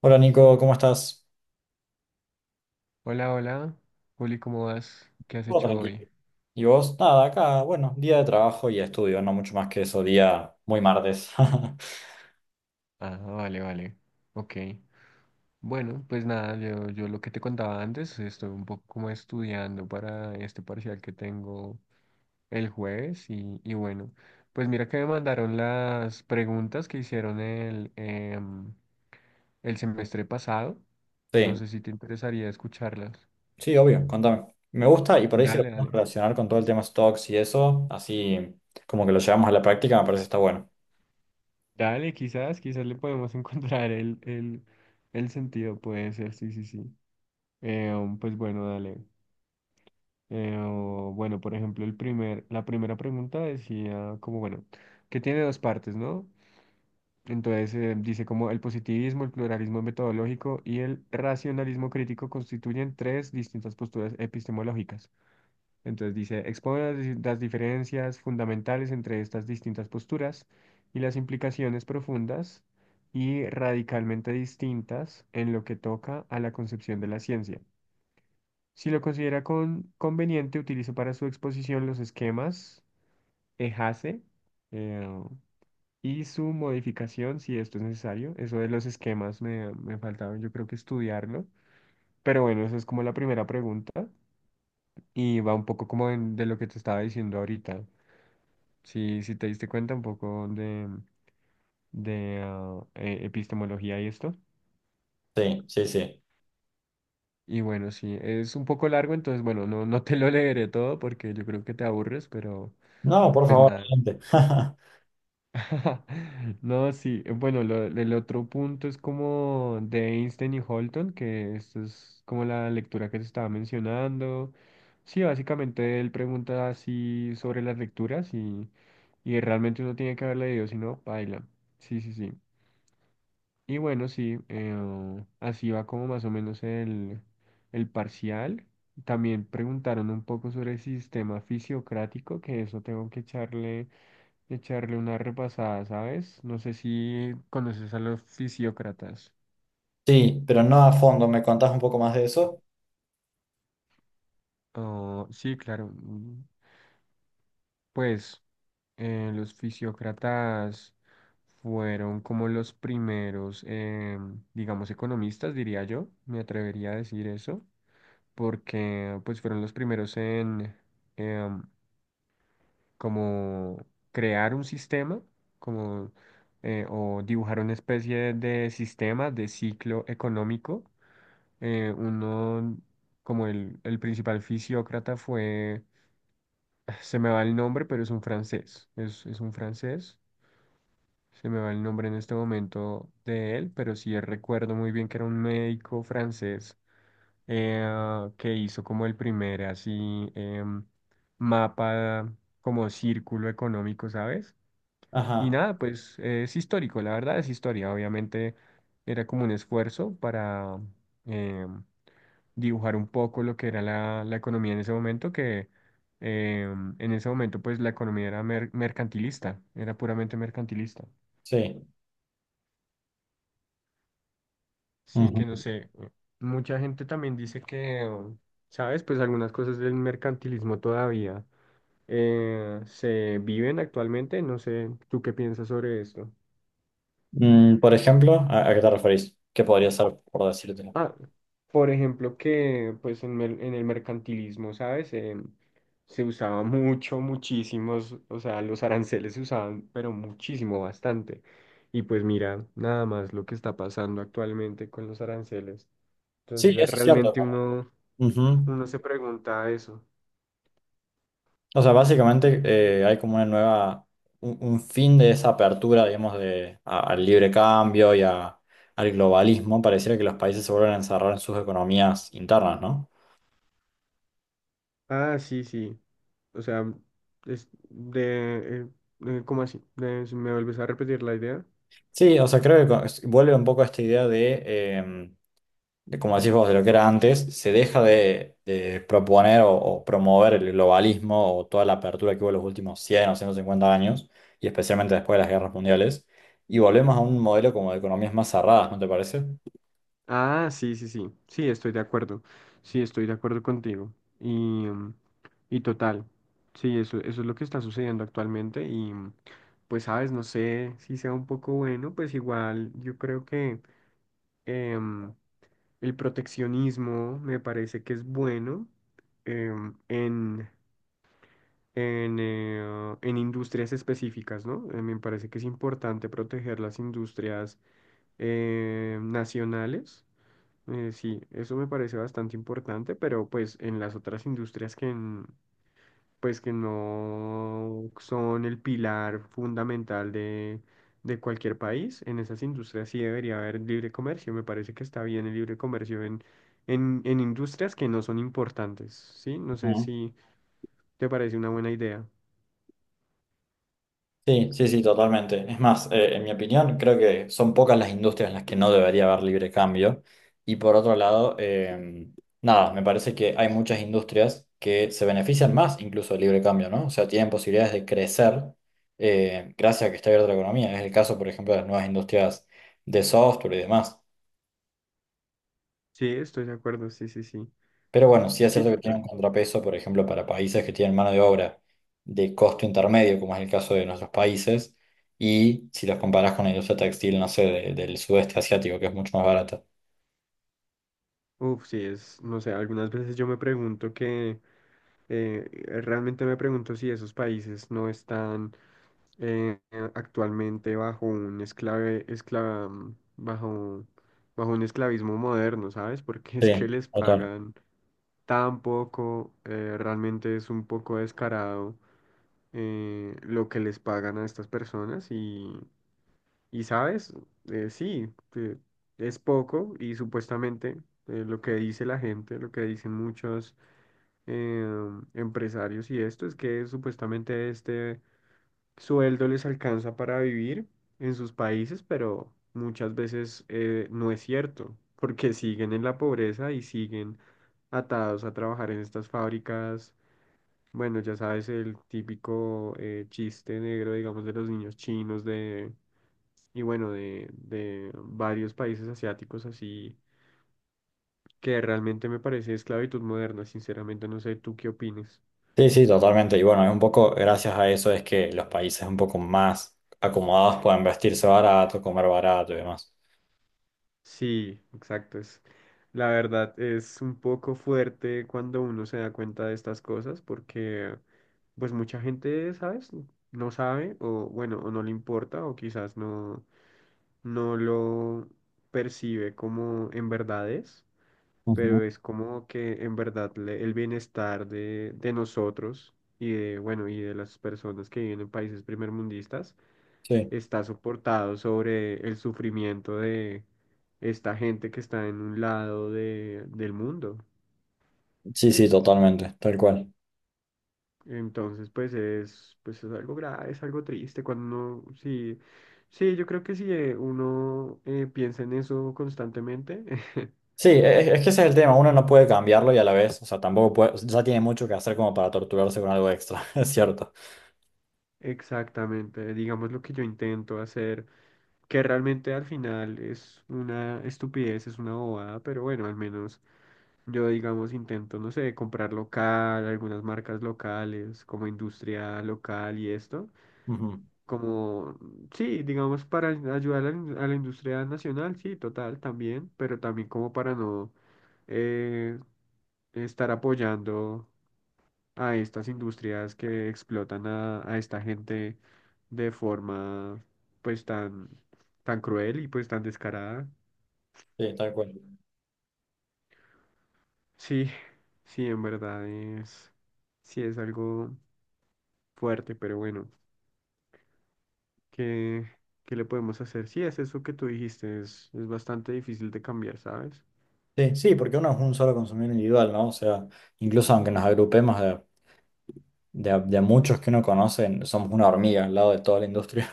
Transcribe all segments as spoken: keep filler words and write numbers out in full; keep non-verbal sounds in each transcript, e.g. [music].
Hola Nico, ¿cómo estás? Hola, hola. Juli, ¿cómo vas? ¿Qué has Todo hecho tranquilo. hoy? ¿Y vos? Nada, acá, bueno, día de trabajo y estudio, no mucho más que eso, día muy martes. [laughs] Ah, vale, vale. Ok. Bueno, pues nada, yo, yo lo que te contaba antes, estoy un poco como estudiando para este parcial que tengo el jueves y, y bueno, pues mira que me mandaron las preguntas que hicieron el, em, el semestre pasado. No Sí, sé si te interesaría escucharlas. sí, obvio, contame. Me gusta y por ahí si lo Dale, podemos dale. relacionar con todo el tema stocks y eso, así como que lo llevamos a la práctica, me parece que está bueno. Dale, quizás, quizás le podemos [laughs] encontrar el, el, el sentido, puede ser, sí, sí, sí. Eh, um, pues bueno, dale. Eh, o, bueno, por ejemplo, el primer, la primera pregunta decía como, bueno, que tiene dos partes, ¿no? Entonces eh, dice como el positivismo, el pluralismo metodológico y el racionalismo crítico constituyen tres distintas posturas epistemológicas. Entonces dice, expone las, di- las diferencias fundamentales entre estas distintas posturas y las implicaciones profundas y radicalmente distintas en lo que toca a la concepción de la ciencia. Si lo considera con- conveniente, utilizo para su exposición los esquemas E H A C E eh, y su modificación si esto es necesario. Eso de los esquemas me, me faltaba, yo creo que estudiarlo. Pero bueno, esa es como la primera pregunta y va un poco como en- de lo que te estaba diciendo ahorita. Si, si te diste cuenta un poco de, de ah, eh, epistemología y esto. Sí, sí, sí. Y bueno, sí, es un poco largo, entonces bueno, no, no te lo leeré todo porque yo creo que te aburres, pero No, por pues favor, nada. gente. [laughs] [laughs] No, sí. eh, Bueno, lo- el otro punto es como de Einstein y Holton, que esto es como la lectura que se estaba mencionando. Sí, básicamente él pregunta así sobre las lecturas y, y realmente uno tiene que haber leído, si no, baila. Sí, sí, sí. Y bueno, sí, eh, así va como más o menos el, el parcial. También preguntaron un poco sobre el sistema fisiocrático, que eso tengo que echarle echarle una repasada, ¿sabes? No sé si conoces a los fisiócratas. Sí, pero no a fondo, ¿me contás un poco más de eso? Oh, sí, claro. Mm, pues eh, los fisiócratas fueron como los primeros, eh, digamos, economistas, diría yo, me atrevería a decir eso, porque pues fueron los primeros en em, como crear un sistema, como eh, o dibujar una especie de sistema de ciclo económico eh, uno, como el, el principal fisiócrata fue, ah, se me va el nombre, pero es un francés, es, es un francés, se me va el nombre en este momento de él, pero sí recuerdo muy bien que era un médico francés eh, ah, que hizo como el primer así em, mapa, como círculo económico, ¿sabes? Y Ajá, nada, pues eh, es histórico, la verdad es historia, obviamente era como un esfuerzo para em, dibujar un poco lo que era la, la economía en ese momento, que eh, en ese momento pues la economía era mer- mercantilista, era puramente mercantilista. sí. Sí, que no Ujú. sé, eh, mucha gente también dice que, um, ¿sabes? Pues algunas cosas del mercantilismo todavía eh, se viven actualmente, no sé, ¿tú qué piensas sobre esto? Mm, por ejemplo, ¿a, a qué te referís? ¿Qué podría ser por decirte? Ah, por ejemplo, que pues en, mer- en el mercantilismo, ¿sabes? Em, se usaba mucho, muchísimos, o sea, los aranceles se usaban, pero muchísimo, bastante. Y pues mira, nada más lo que está pasando actualmente con los aranceles. Sí, Entonces, eh, eso es cierto. realmente uno, Ujú. uno se pregunta eso. O sea, básicamente eh, hay como una nueva, un, un fin de esa apertura, digamos, de, a- al libre cambio y a- al globalismo. Pareciera que los países se vuelven a encerrar en sus economías internas, ¿no? Ah, sí, sí. O sea, es de, eh, eh, ¿cómo así? De- ¿me vuelves a repetir la idea? Sí, o sea, creo que co- es- vuelve un poco a esta idea de, eh, de, como decís vos, de lo que era antes, se deja de, de proponer o, o promover el globalismo o toda la apertura que hubo en los últimos cien o ciento cincuenta años, y especialmente después de las guerras mundiales, y volvemos a un modelo como de economías más cerradas, ¿no te parece? Ah, sí, sí, sí. Sí, estoy de acuerdo. Sí, estoy de acuerdo contigo. Y, mm, y total. Sí, eso, eso es lo que está sucediendo actualmente. Y mm, pues, sabes, no sé si sea un poco bueno, pues igual yo creo que em, el proteccionismo me parece que es bueno em, en, en, eh, en industrias específicas, ¿no? Eh, me parece que es importante proteger las industrias eh, nacionales eh, sí, eso me parece bastante importante, pero pues en las otras industrias que, n- pues, que no son el pilar fundamental de, de cualquier país, en esas industrias sí debería haber libre comercio. Me parece que está bien el libre comercio en, en, en industrias que no son importantes, ¿sí? No sé si te parece una buena idea. Sí, sí, sí, totalmente. Es más, eh, en mi opinión, creo que son pocas las industrias en las que no debería haber libre cambio. Y por otro lado, eh, nada, me parece que hay muchas industrias que se benefician más incluso del libre cambio, ¿no? O sea, tienen posibilidades de crecer eh, gracias a que está abierta la economía. Es el caso, por ejemplo, de las nuevas industrias de software y demás. Sí, estoy de acuerdo, sí, sí, sí. Pero bueno, sí es Sí, cierto que tiene un total. contrapeso, por ejemplo, para países que tienen mano de obra de costo intermedio, como es el caso de nuestros países, y si los comparás con la industria textil, no sé, de- del sudeste asiático, que es mucho más barata. Uf, sí, es, no sé, algunas veces yo me pregunto que eh, eh, realmente me pregunto si esos países no están eh, eh, actualmente bajo un esclave, esclava, mm, bajo, bajo un esclavismo moderno, ¿sabes? Porque [laughs] es que Sí, les total. pagan tan poco, eh, realmente es un poco descarado eh, lo que les pagan a estas personas y, y ¿sabes? Eh, sí, eh, es poco y supuestamente eh, lo que dice la gente, lo que dicen muchos eh, empresarios y esto es que supuestamente este sueldo les alcanza para vivir en sus países, pero muchas veces eh, no es cierto, porque siguen en la pobreza y siguen atados a trabajar en estas fábricas. Bueno, ya sabes, el típico eh, chiste negro, digamos, de los niños chinos de, y bueno, de, de varios países asiáticos así, que realmente me parece esclavitud moderna, sinceramente, no sé, ¿tú qué opinas? Sí, sí, totalmente. Y bueno, es un poco, gracias a eso es que los países un poco más acomodados pueden vestirse barato, comer barato y demás. Sí, exacto. Es, la verdad es un poco fuerte cuando uno se da cuenta de estas cosas porque pues mucha gente, ¿sabes? No sabe o bueno, o no le importa o quizás no, no lo percibe como en verdad es, pero Ujú. es como que en verdad le- el bienestar de, de nosotros y de, bueno, y de las personas que viven en países primermundistas Sí, está soportado sobre el sufrimiento de esta gente que está en un lado de, del mundo. sí, sí, totalmente, tal cual. Entonces, pues es, pues es algo grave, es algo triste cuando uno, sí, sí, yo creo que si eh, uno eh, piensa en eso constantemente, [laughs] Sí, e- es, que ese es el tema, uno no puede cambiarlo y a la vez, o sea, tampoco puede, o sea, ya tiene mucho que hacer como para torturarse con algo extra, [laughs] es cierto. exactamente, digamos lo que yo intento hacer, que realmente al final es una estupidez, es una bobada, pero bueno, al menos yo, digamos, intento, no sé, comprar local, algunas marcas locales, como industria local y esto. Ujú. Como, sí, digamos, para ayudar a la, in- a la industria nacional, sí, total, también, pero también como para no eh, estar apoyando a estas industrias que explotan a, a esta gente de forma, pues, tan, tan cruel y pues tan descarada. Sí, tal cual. Sí, [laughs] sí, en verdad es, sí es algo fuerte, pero bueno, ¿qué, ¿qué le podemos hacer? Sí, es eso que tú dijiste, es, es bastante difícil de cambiar, ¿sabes? Sí, sí, porque uno es un solo consumidor individual, ¿no? O sea, incluso aunque nos agrupemos de, de, a- de a muchos que uno conoce, somos una hormiga al lado de toda la industria.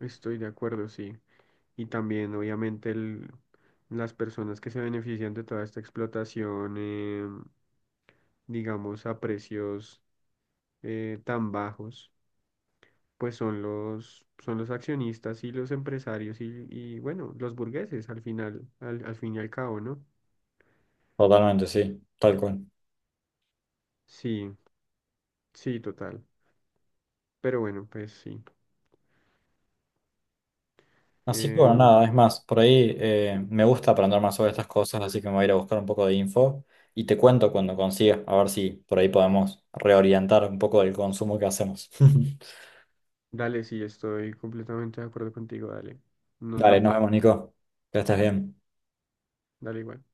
Estoy de acuerdo, sí. Y también, obviamente, el, las personas que se benefician de toda esta explotación, eh, digamos, a precios eh, tan bajos, pues son los, son los accionistas y los empresarios y, y, bueno, los burgueses al final, al, al fin y al cabo, ¿no? [laughs] Totalmente, sí, tal cual. Sí, sí, total. Pero bueno, pues sí. Así que bueno, nada, Em, es más, por ahí eh, me gusta aprender más sobre estas cosas, así que me voy a ir a buscar un poco de info y te cuento cuando consiga, a ver si por ahí podemos reorientar un poco el consumo que hacemos. [laughs] Dale, sí, estoy completamente de acuerdo contigo, dale. Nos Dale, nos vemos. vemos, Nico. Que estés bien. Dale igual.